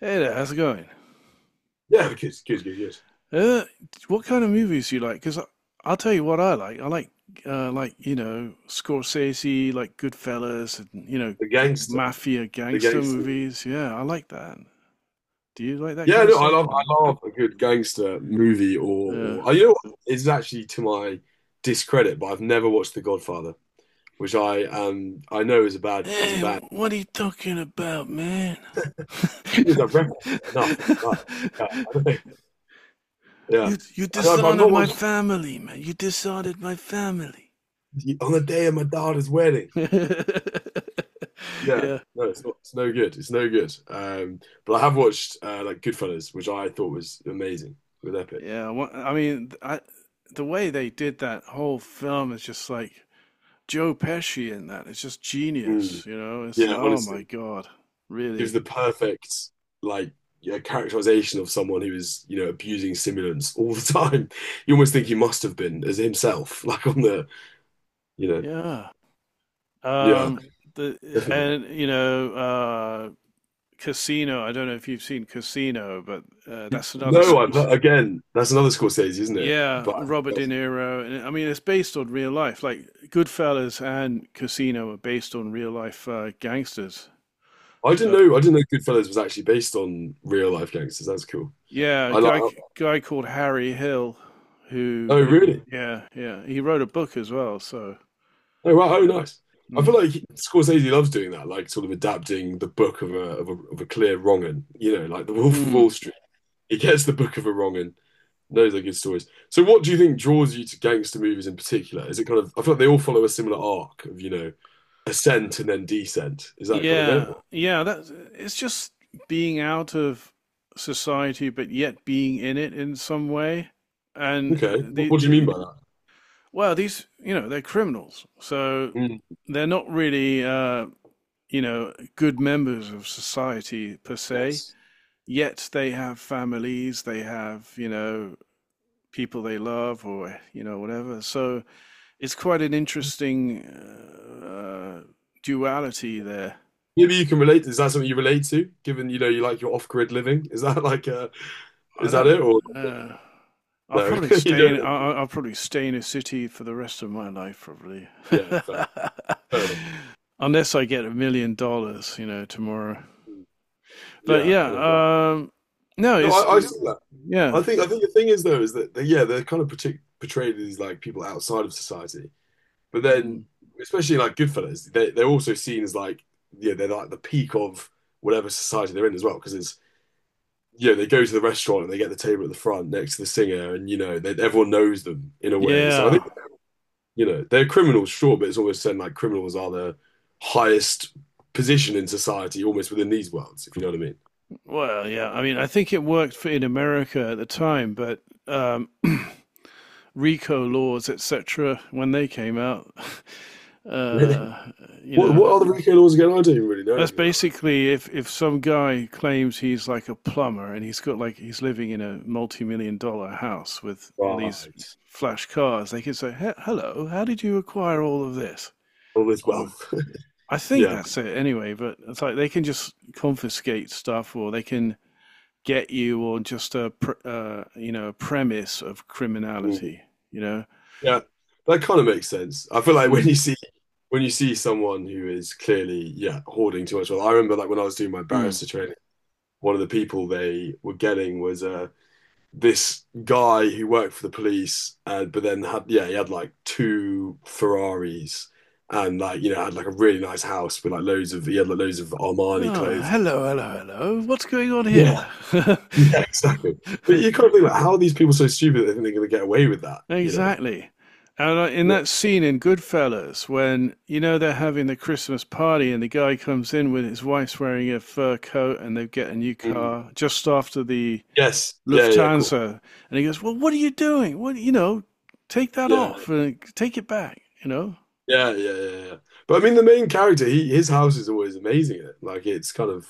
Hey there, how's it going? Yeah, the kid's good. Yes, Uh, what kind of movies do you like? Because I'll tell you what I like. I like, you know, Scorsese, like Goodfellas, and you know, the gangster, mafia the gangster gangster. movies. Yeah, I like that. Do you like that Yeah, kind of no, stuff? I love a good gangster movie or uh, or oh, you know what? It's actually to my discredit, but I've never watched The Godfather, which I I know is a bad is a Hey, bad what are you talking about, man? because I've referenced it enough. But, yeah, I don't think yeah, You and I've dishonored not my watched family, man. You dishonored my family. on the day of my daughter's wedding. Yeah, Yeah. no, it's not. It's no good. It's no good. But I have watched like Goodfellas, which I thought was amazing with Epic. Yeah, the way they did that whole film is just like Joe Pesci in that. It's just Mm. genius, you know. It's Yeah, oh my honestly. God, Gives really? the perfect like yeah, characterization of someone who is, you know, abusing stimulants all the time. You almost think he must have been as himself, like on the, you know, Yeah. yeah, Um, the definitely. And you know, Casino. I don't know if you've seen Casino, but that's another. No, I've squ- not, again, that's another Scorsese, isn't it? Yeah, But Robert De Niro. And I mean, it's based on real life. Like Goodfellas and Casino are based on real life gangsters. So I didn't know Goodfellas was actually based on real life gangsters. That's cool. yeah, a I like. guy called Harry Hill, who, Oh, really? yeah, yeah, he wrote a book as well. So Oh, wow. Oh, yeah, nice. I feel mm. like Scorsese loves doing that, like sort of adapting the book of of a clear wrong 'un, you know, like The Wolf of Mm. Wall Street. He gets the book of a wrong and knows they're good stories. So, what do you think draws you to gangster movies in particular? Is it kind of, I feel like they all follow a similar arc of, you know, ascent and then descent. Is that kind of it? Yeah, yeah. That's it's just being out of society, but yet being in it in some way. And Okay. What do you the mean by that? well, these you know they're criminals, so Mm, they're not really you know good members of society per se. yes. Yet they have families, they have you know people they love or you know whatever, so it's quite an interesting duality there. Maybe you can relate. Is that something you relate to, given, you know, you like your off-grid living? Is that like, I is that it? don't Or know I'll no, probably you stay in don't. Really? I'll probably stay in a city for the rest of my life probably. Yeah, fair, fair enough. Unless I get $1 million you know tomorrow. Mm, But yeah, I know that. yeah, no No, it's I see that. yeah. I think the thing is though, is that, they, yeah, they're kind of portrayed as like people outside of society. But then, Mm. especially like Goodfellas, they're also seen as like, yeah, they're like the peak of whatever society they're in as well. Because it's, you know, they go to the restaurant and they get the table at the front next to the singer, and, you know, they, everyone knows them in a way. So I think, Yeah, you know, they're criminals, sure, but it's always said like criminals are the highest position in society almost within these worlds, if you know what I well yeah, I mean I think it worked for in America at the time, but RICO laws, etc., when they came out. mean. Really? Uh, you know, What are the Rico laws again? I don't even really know that's anything about that. basically if some guy claims he's like a plumber and he's got like he's living in a multi million dollar house with all these Right. flash cars, they can say, "He- Hello, how did you acquire all of this?" All this Or wealth. I think Yeah. that's it anyway. But it's like they can just confiscate stuff, or they can get you on just a you know a premise of Mm. criminality. You know. Yeah. That kind of makes sense. I feel like Mm. When you see someone who is clearly, yeah, hoarding too much wealth. I remember like when I was doing my barrister Mm. training, one of the people they were getting was this guy who worked for the police, but then had, yeah, he had like two Ferraris and like, you know, had like a really nice house with like loads of, he had like loads of Armani Oh, clothes. hello, hello, hello. What's going on Yeah, here? yeah, exactly. But you kind of think like, how are these people so stupid that they think they're going to get away with that, you know? Exactly. And in Yeah. that scene in Goodfellas, when you know they're having the Christmas party and the guy comes in with his wife's wearing a fur coat and they get a new Mm. car just after the Yes. Yeah, yeah, yeah, cool. Lufthansa, and he goes, "Well, what are you doing? What you know, take that Yeah. off and take it back." You know? Yeah, yeah, yeah, yeah, yeah. But I mean, the main character, he his house is always amazing. In it. Like it's kind of.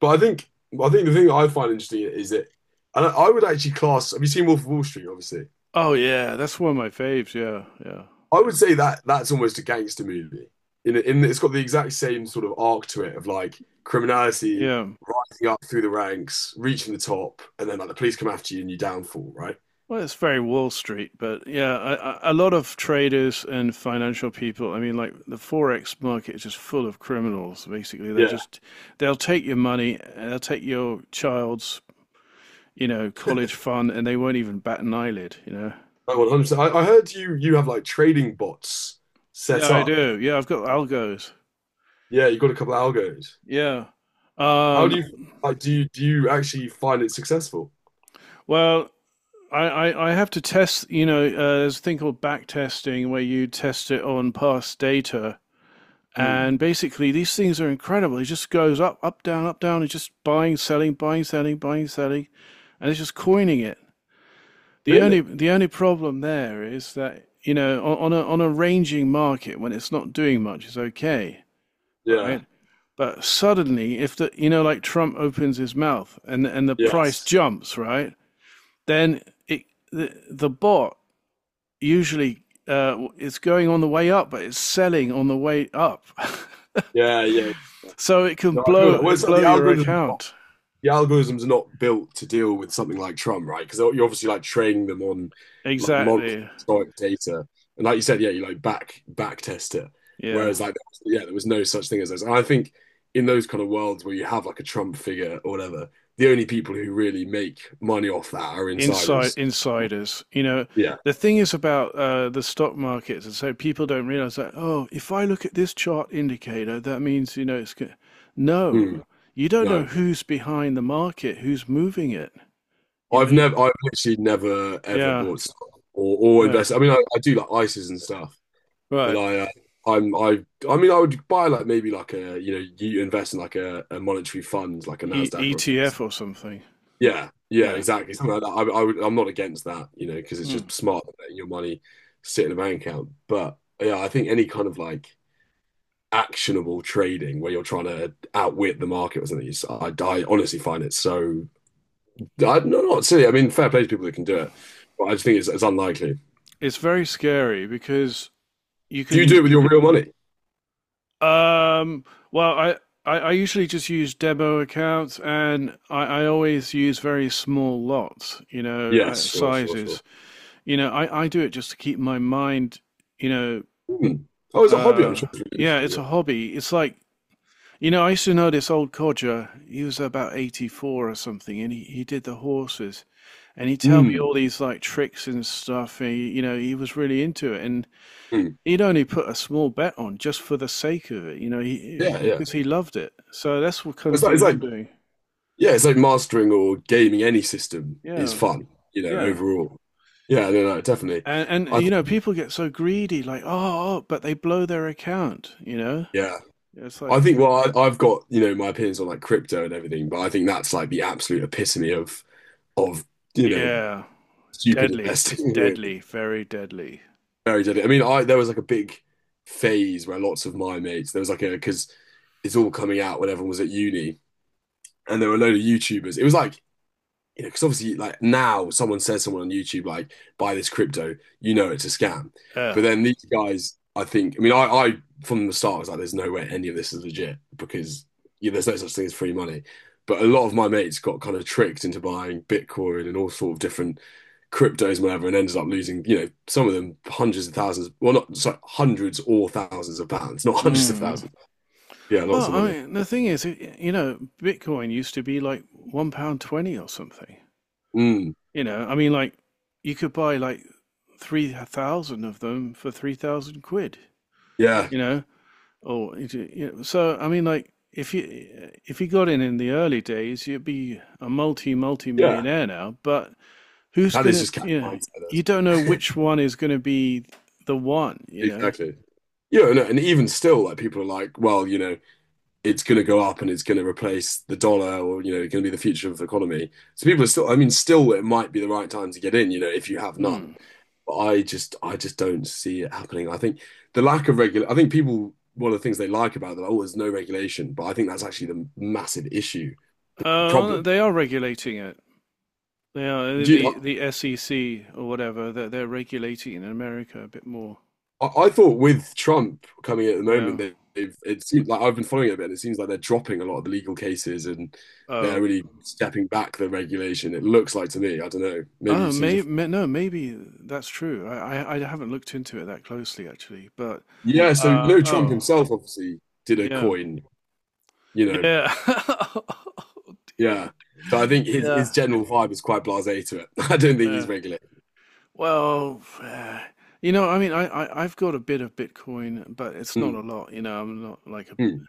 But I think the thing that I find interesting is that, and I would actually class. Have you seen Wolf of Wall Street? Obviously, Oh yeah, that's one of my faves. Yeah, yeah, I would say that that's almost a gangster movie. In it's got the exact same sort of arc to it of like criminality yeah. rising up through the ranks, reaching the top, and then like the police come after you and you downfall, right? Well, it's very Wall Street, but yeah, a lot of traders and financial people. I mean, like the forex market is just full of criminals. Basically, they're Yeah, just they'll take your money, and they'll take your child's you know college fund, and they won't even bat an eyelid. You know? like 100%. I heard you have like trading bots Yeah, set I up. do. Yeah, I've got algos. Yeah, you got a couple of algos. Yeah. How do Um, you like? Do you actually find it successful? well, I have to test. You know, there's a thing called back testing where you test it on past data. Hmm. And basically, these things are incredible. It just goes up, up, down, up, down. It's just buying, selling, buying, selling, buying, selling, and it's just coining it. The Really? only the only problem there is that you know on a ranging market when it's not doing much it's okay, Yeah. right? But suddenly, if the you know like Trump opens his mouth and the price Yes. jumps, right? Then it the bot usually it's going on the way up, but it's selling on the way up. Yeah. Yeah. So it can No, I feel that. Well, it's like blow your account. the algorithm's not built to deal with something like Trump, right? Because you're obviously like training them on like models Exactly. historic data, and like you said, yeah, you like back test it. Yeah. Whereas like yeah, there was no such thing as those. And I think in those kind of worlds where you have like a Trump figure or whatever, the only people who really make money off that are Inside insiders. insiders. You know, Yeah. the thing is about the stock markets, and so people don't realize that. Oh, if I look at this chart indicator, that means you know it's go-" no. Hmm. You don't know No. who's behind the market, who's moving it. You know. You- I've literally never ever Yeah. bought stock or Oh, invested. I mean, I do like ISAs and stuff, but right. I'm, I, I mean, I would buy like maybe like you know, you invest in like a monetary fund, like a E Nasdaq E or a, T FTSE. F or something. Yeah, yeah, Yeah. exactly, something like that. I'm not against that, you know, because it's Mm. just smart letting your money sit in a bank account. But yeah, I think any kind of like actionable trading where you're trying to outwit the market or something, I honestly find it so I, no, not silly. I mean, fair play to people that can do it, but I just think it's unlikely. It's very scary because you Do you do can it with your real money? Um, well, I usually just use demo accounts and I always use very small lots, you know, Yes, sure, sure, sure. sizes. You know, I do it just to keep my mind, you know, Hmm. Oh, it's a hobby. I'm sure uh, it's yeah, realistic. it's a Yeah. hobby. It's like, you know, I used to know this old codger. He was about 84 or something and he did the horses. And he tell me Mm, all these like tricks and stuff. And he, you know, he was really into it. And mm. he'd only put a small bet on just for the sake of it, you know, he Yeah, yeah. because he loved it. So that's what kind of thing It's I'm like, doing. yeah, it's like mastering or gaming any system is Yeah, fun, you know, yeah. overall. Yeah, no, no, definitely. And I you know, think, people get so greedy, like oh, oh, but they blow their account. You know, yeah, it's I like think. Well, I've got you know my opinions on like crypto and everything, but I think that's like the absolute epitome of of you know yeah, stupid deadly. It's investing. deadly, very deadly. Very deadly. I mean, I there was like a big phase where lots of my mates there was like a because it's all coming out when everyone was at uni, and there were a load of YouTubers. It was like you know, because obviously, like now, someone says someone on YouTube, like, buy this crypto, you know it's a scam. Uh, But then these guys, I think, I mean, I from the start was like, there's no way any of this is legit because yeah, there's no such thing as free money. But a lot of my mates got kind of tricked into buying Bitcoin and all sort of different cryptos and whatever, and ended up losing, you know, some of them hundreds of thousands, well, not sorry, hundreds or thousands of pounds, not hundreds of mm. thousands. Yeah, lots Well, of I money. mean, the thing is, you know, Bitcoin used to be like £1 20 or something. Mm, You know, I mean, like you could buy like 3,000 of them for 3,000 quid. yeah, You know, or it- you know, so I mean, like if you got in the early days, you'd be a multi yeah. millionaire now. But who's That is gonna? just cat You know, you mindset. don't know which one is gonna be the one. You know. Exactly. Yeah, no, and even still, like people are like, well, you know, it's going to go up and it's going to replace the dollar, or you know, it's going to be the future of the economy. So people are still, I mean, still, it might be the right time to get in, you know, if you have none. Hmm. But I just don't see it happening. I think the lack of regular, I think people, one of the things they like about that, oh, there's no regulation, but I think that's actually the massive issue, the problem. They are regulating it. They are Do you, the SEC or whatever. They're regulating in America a bit more. I thought with Trump coming at the Yeah. moment, they, they've it seems like I've been following it a bit, and it seems like they're dropping a lot of the legal cases and they're Oh, really stepping back the regulation. It looks like to me. I don't know. Maybe Oh, you've seen different. may no, maybe that's true. I haven't looked into it that closely actually, but Yeah. So you know, Trump oh himself obviously did a yeah coin. You know. yeah oh dear Yeah. So I think yeah his general vibe is quite blasé to it. I don't think he's yeah. regulated. Well, you know, I mean, I've got a bit of Bitcoin, but it's not Mm, a lot. You know, I'm not like a mm,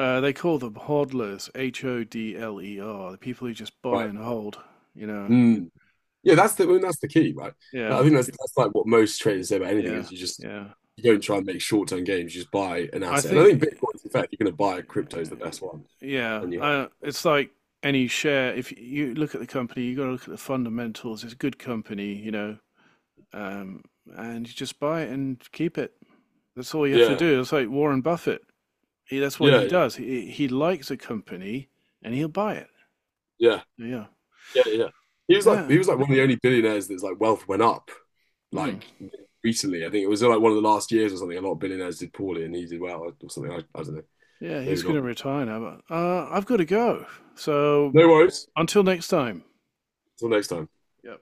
they call them hodlers, HODLER, the people who just buy right. and hold. You know, Mm. Yeah, uh, that's the I mean, that's the key, right? I yeah think that's like what most traders say about anything yeah is yeah. you don't try and make short term gains, you just buy an I asset. And I think think, Bitcoin, in fact, you're going to buy crypto is the uh, best one, yeah, and you hold. it's like any share. If you look at the company, you got to look at the fundamentals. It's a good company, you know, um, and you just buy it and keep it. That's all you have to Yeah, do. It's like Warren Buffett. He, that's what yeah, he yeah, does. He likes a company and he'll buy it. yeah, Yeah, yeah, yeah. He yeah, was like one of the only billionaires that's like wealth went up Hmm. like recently. I think it was like one of the last years or something. A lot of billionaires did poorly and he did well or something. I don't know. yeah. He's Maybe going not. to retire now, but I've got to go. So No worries. until next time. Till next time. Yep.